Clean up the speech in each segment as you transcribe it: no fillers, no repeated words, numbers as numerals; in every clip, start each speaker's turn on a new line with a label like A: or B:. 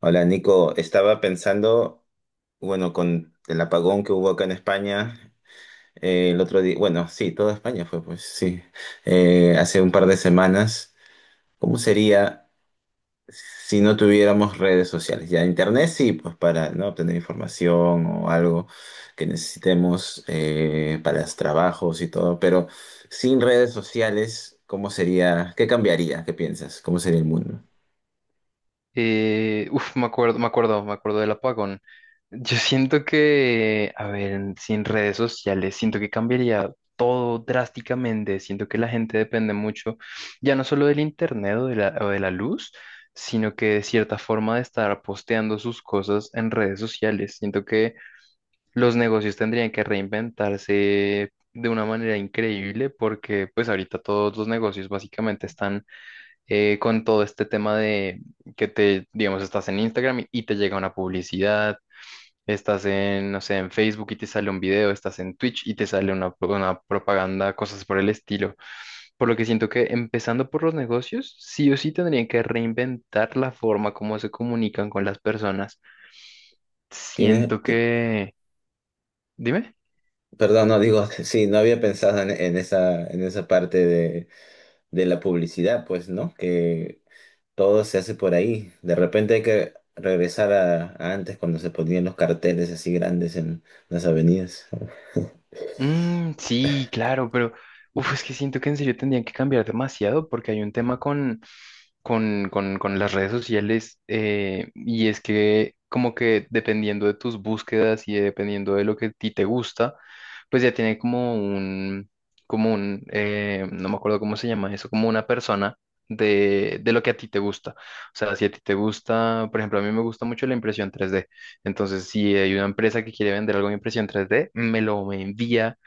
A: Hola Nico, estaba pensando, bueno, con el apagón que hubo acá en España el otro día, bueno, sí, toda España fue, pues sí, hace un par de semanas, ¿cómo sería si no tuviéramos redes sociales? Ya internet sí, pues para no obtener información o algo que necesitemos para los trabajos y todo, pero sin redes sociales, ¿cómo sería? ¿Qué cambiaría? ¿Qué piensas? ¿Cómo sería el mundo?
B: Me acuerdo del apagón. Yo siento que, a ver, sin redes sociales, siento que cambiaría todo drásticamente. Siento que la gente depende mucho, ya no solo del internet o de la luz, sino que de cierta forma de estar posteando sus cosas en redes sociales. Siento que los negocios tendrían que reinventarse de una manera increíble porque pues ahorita todos los negocios básicamente están con todo este tema de que te, digamos, estás en Instagram y te llega una publicidad, estás en, no sé, en Facebook y te sale un video, estás en Twitch y te sale una propaganda, cosas por el estilo. Por lo que siento que empezando por los negocios, sí o sí tendrían que reinventar la forma como se comunican con las personas.
A: ¿Tienes?
B: Siento que... Dime.
A: Perdón, no digo, sí, no había pensado en esa parte de la publicidad, pues, ¿no? Que todo se hace por ahí. De repente hay que regresar a antes cuando se ponían los carteles así grandes en las avenidas.
B: Mm, sí, claro, pero uf, es que siento que en serio tendrían que cambiar demasiado porque hay un tema con las redes sociales y es que como que dependiendo de tus búsquedas y dependiendo de lo que a ti te gusta, pues ya tiene como un, no me acuerdo cómo se llama eso, como una persona de lo que a ti te gusta. O sea, si a ti te gusta, por ejemplo, a mí me gusta mucho la impresión tres d entonces, si hay una empresa que quiere vender algo de impresión 3D, me lo me envía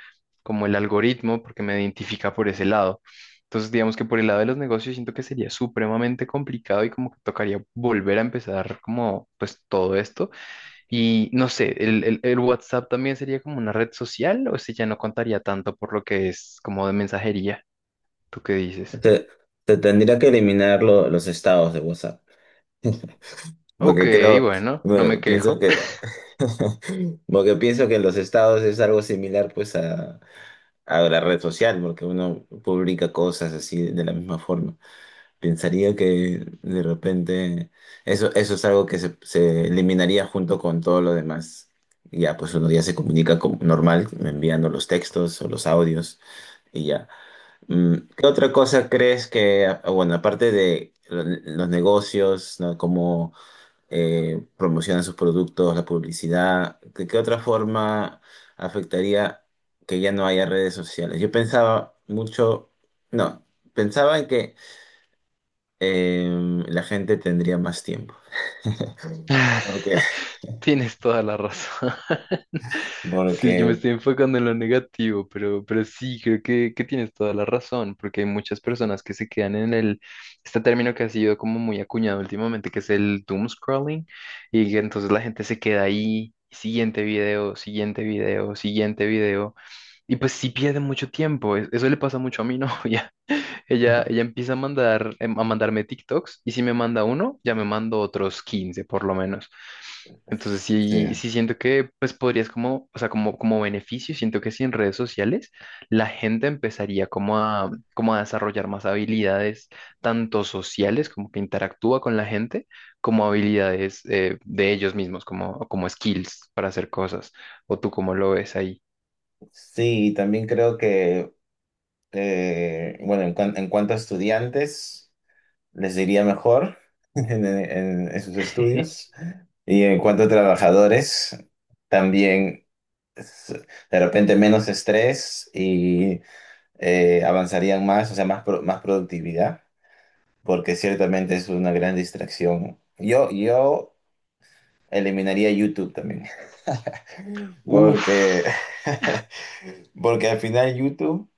B: como el algoritmo porque me identifica por ese lado. Entonces, digamos que por el lado de los negocios siento que sería supremamente complicado y como que tocaría volver a empezar como pues todo esto. Y no sé, el WhatsApp también sería como una red social o si ya no contaría tanto por lo que es como de mensajería. ¿Tú qué dices?
A: Te, te tendría que eliminar los estados de WhatsApp,
B: Ok,
A: porque creo,
B: bueno, no me
A: pienso
B: quejo.
A: que, porque pienso que los estados es algo similar, pues, a la red social, porque uno publica cosas así de la misma forma. Pensaría que de repente eso es algo que se eliminaría junto con todo lo demás. Y ya, pues uno ya se comunica como normal, enviando los textos o los audios y ya. Mm, ¿qué otra cosa crees que, ah, bueno, aparte de los negocios, ¿no? Cómo promocionan sus productos, la publicidad, ¿de qué otra forma afectaría que ya no haya redes sociales? Yo pensaba mucho, no, pensaba en que la gente tendría más tiempo. Porque,
B: Tienes toda la razón. Sí, yo me
A: porque
B: estoy enfocando en lo negativo, pero sí, creo que tienes toda la razón, porque hay muchas personas que se quedan en el, este término que ha sido como muy acuñado últimamente, que es el doom scrolling, y que entonces la gente se queda ahí, siguiente video, siguiente video, siguiente video, y pues sí pierde mucho tiempo, eso le pasa mucho a mi novia, ella empieza a mandar, a mandarme TikToks y si me manda uno, ya me mando otros 15 por lo menos. Entonces sí,
A: sí.
B: sí siento que pues podrías como, o sea, como, como beneficio, siento que si en redes sociales la gente empezaría como a, como a desarrollar más habilidades, tanto sociales como que interactúa con la gente, como habilidades de ellos mismos, como, como skills para hacer cosas. ¿O tú cómo lo ves ahí?
A: Sí, y también creo que, bueno, en, en cuanto a estudiantes, les iría mejor en, en sus estudios. Y en cuanto a trabajadores, también s- de repente menos estrés y avanzarían más, o sea, más, más productividad, porque ciertamente es una gran distracción. Yo eliminaría YouTube también.
B: Uf,
A: Porque, porque al final YouTube,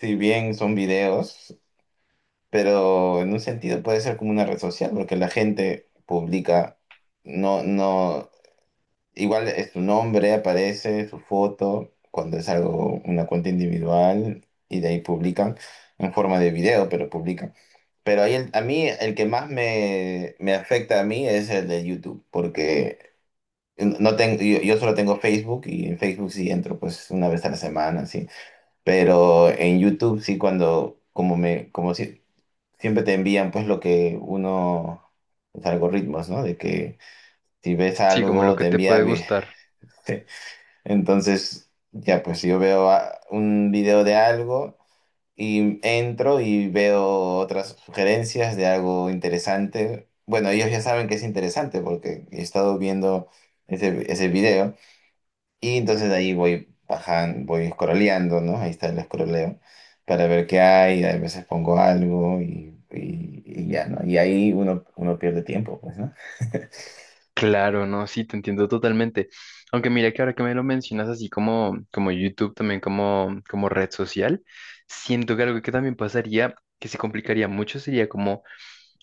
A: si bien son videos, pero en un sentido puede ser como una red social, porque la gente publica, no, no, igual es su nombre, aparece su foto, cuando es algo, una cuenta individual, y de ahí publican en forma de video, pero publican. Pero ahí a mí el que más me afecta a mí es el de YouTube, porque no tengo, yo solo tengo Facebook y en Facebook sí entro pues una vez a la semana, sí. Pero en YouTube sí cuando, como me, como siempre te envían pues lo que uno, los algoritmos, ¿no? De que si ves
B: sí, como lo
A: algo
B: que
A: te
B: te
A: envía,
B: puede gustar.
A: entonces ya pues yo veo un video de algo y entro y veo otras sugerencias de algo interesante. Bueno, ellos ya saben que es interesante porque he estado viendo ese video. Y entonces ahí voy bajando, voy scrolleando, ¿no? Ahí está el escroleo para ver qué hay. A veces pongo algo y ya, ¿no? Y ahí uno pierde tiempo, pues, ¿no?
B: Claro, no, sí, te entiendo totalmente. Aunque mira que ahora que me lo mencionas así como, como YouTube, también como, como red social, siento que algo que también pasaría, que se complicaría mucho, sería como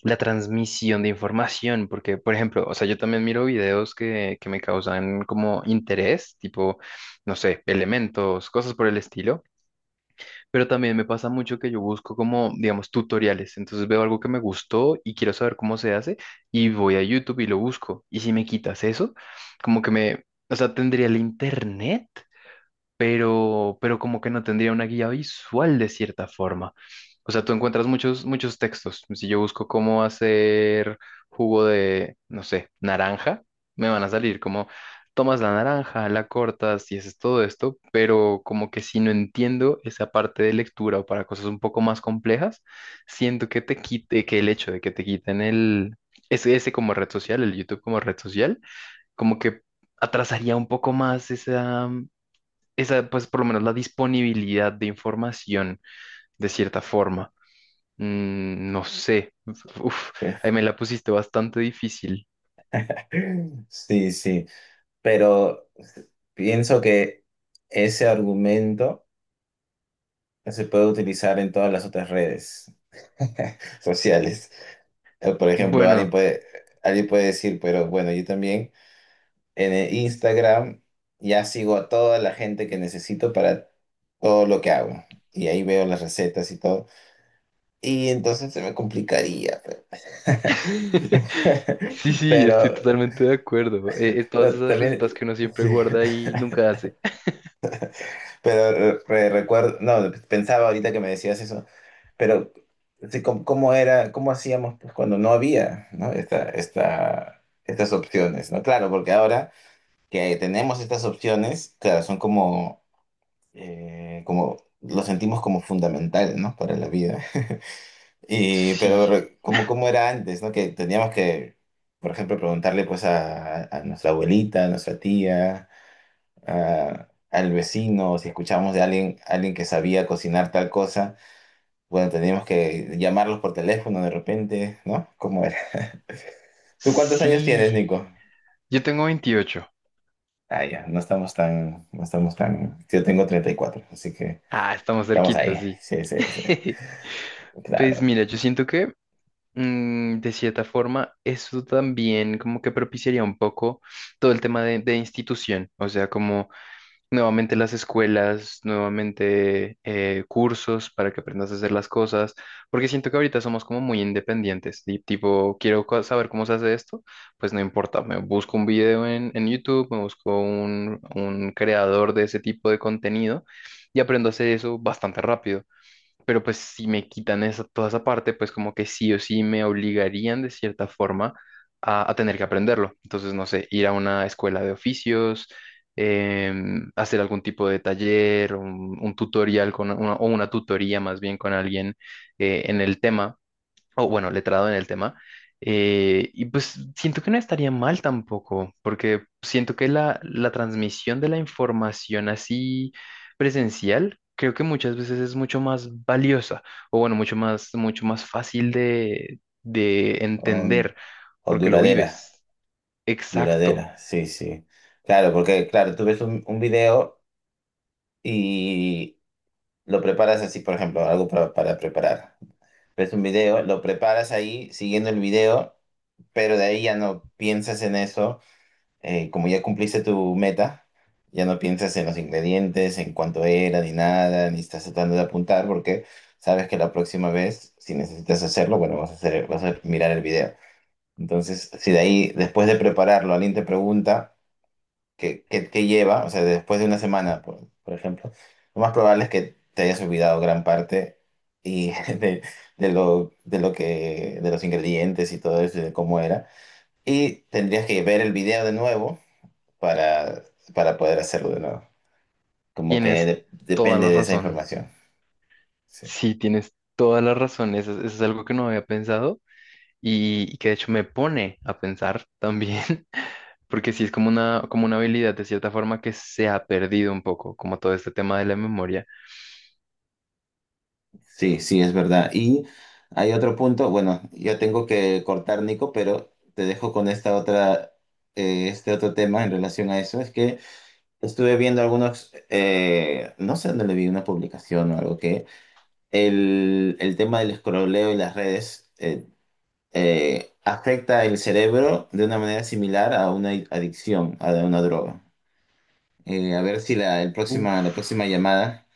B: la transmisión de información, porque, por ejemplo, o sea, yo también miro videos que me causan como interés, tipo, no sé, elementos, cosas por el estilo, pero también me pasa mucho que yo busco como, digamos, tutoriales. Entonces veo algo que me gustó y quiero saber cómo se hace y voy a YouTube y lo busco. Y si me quitas eso, como que me, o sea, tendría el internet pero como que no tendría una guía visual de cierta forma. O sea, tú encuentras muchos, muchos textos. Si yo busco cómo hacer jugo de, no sé, naranja, me van a salir como tomas la naranja, la cortas y haces todo esto, pero como que si no entiendo esa parte de lectura o para cosas un poco más complejas, siento que te quite, que el hecho de que te quiten el, ese como red social, el YouTube como red social, como que atrasaría un poco más esa, esa, pues por lo menos la disponibilidad de información, de cierta forma. Mm, no sé, uf, ahí me la pusiste bastante difícil.
A: Sí, sí. Pero pienso que ese argumento se puede utilizar en todas las otras redes sociales. Por ejemplo,
B: Bueno,
A: alguien puede decir, pero bueno, yo también en el Instagram ya sigo a toda la gente que necesito para todo lo que hago. Y ahí veo las recetas y todo. Y entonces se me complicaría. Pe.
B: sí, sí, estoy
A: Pero,
B: totalmente de acuerdo. Todas
A: no,
B: esas recetas
A: también,
B: que uno siempre
A: sí.
B: guarda y nunca hace.
A: Pero recuerdo, no, pensaba ahorita que me decías eso, pero sí, ¿cómo, cómo era, cómo hacíamos pues, cuando no había, ¿no? Estas opciones, ¿no? Claro, porque ahora que tenemos estas opciones, claro, son como como lo sentimos como fundamental, ¿no? Para la vida. Y,
B: Sí,
A: pero re- como, como era antes, ¿no? Que teníamos que, por ejemplo, preguntarle pues a nuestra abuelita, a nuestra tía, al vecino, o si escuchábamos de alguien, alguien que sabía cocinar tal cosa, bueno, teníamos que llamarlos por teléfono de repente, ¿no? ¿Cómo era? ¿Tú cuántos años tienes,
B: sí.
A: Nico?
B: Yo tengo 28.
A: Ah, ya, no estamos tan, no estamos tan, yo tengo 34 así que
B: Ah, estamos
A: estamos
B: cerquita,
A: ahí,
B: sí.
A: sí, sí, sí,
B: Pues
A: claro.
B: mira, yo siento que mm, de cierta forma, eso también como que propiciaría un poco todo el tema de institución, o sea, como nuevamente las escuelas, nuevamente cursos para que aprendas a hacer las cosas, porque siento que ahorita somos como muy independientes, y tipo, quiero saber cómo se hace esto, pues no importa, me busco un video en YouTube, me busco un creador de ese tipo de contenido y aprendo a hacer eso bastante rápido pero pues si me quitan esa, toda esa parte, pues como que sí o sí me obligarían de cierta forma a tener que aprenderlo. Entonces, no sé, ir a una escuela de oficios, hacer algún tipo de taller, un tutorial con una, o una tutoría más bien con alguien en el tema o bueno, letrado en el tema. Y pues siento que no estaría mal tampoco, porque siento que la transmisión de la información así presencial, creo que muchas veces es mucho más valiosa, o bueno, mucho más fácil de entender,
A: O
B: porque lo
A: duradera,
B: vives. Exacto,
A: duradera, sí, sí. Claro, porque, claro, tú ves un video y lo preparas así, por ejemplo, algo para preparar. Ves un video, lo preparas ahí siguiendo el video, pero de ahí ya no piensas en eso. Eh, como ya cumpliste tu meta, ya no piensas en los ingredientes, en cuánto era, ni nada, ni estás tratando de apuntar, porque sabes que la próxima vez, si necesitas hacerlo, bueno, vas a hacer, vas a mirar el video. Entonces, si de ahí, después de prepararlo, alguien te pregunta, que lleva, o sea, después de una semana, por ejemplo, lo más probable es que te hayas olvidado gran parte y de, de lo que, de los ingredientes y todo eso, y de cómo era. Y tendrías que ver el video de nuevo para, para poder hacerlo de nuevo. Como que
B: tienes toda la
A: depende de esa
B: razón.
A: información. Sí.
B: Sí, tienes toda la razón. Eso es algo que no había pensado y que de hecho me pone a pensar también. Porque sí es como una habilidad de cierta forma que se ha perdido un poco, como todo este tema de la memoria.
A: Sí, sí, es verdad. Y hay otro punto, bueno, yo tengo que cortar, Nico, pero te dejo con esta otra, este otro tema en relación a eso. Es que estuve viendo algunos, no sé dónde le vi una publicación o algo que el tema del escroleo y las redes afecta el cerebro de una manera similar a una adicción, a una droga. A ver si la, el
B: Uf,
A: próxima, la próxima llamada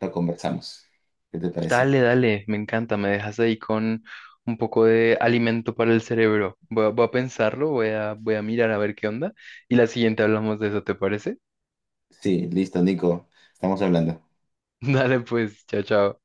A: lo conversamos. ¿Qué te parece?
B: dale, dale, me encanta, me dejas ahí con un poco de alimento para el cerebro. Voy a pensarlo, voy a mirar a ver qué onda y la siguiente hablamos de eso, ¿te parece?
A: Sí, listo, Nico, estamos hablando.
B: Dale pues, chao, chao.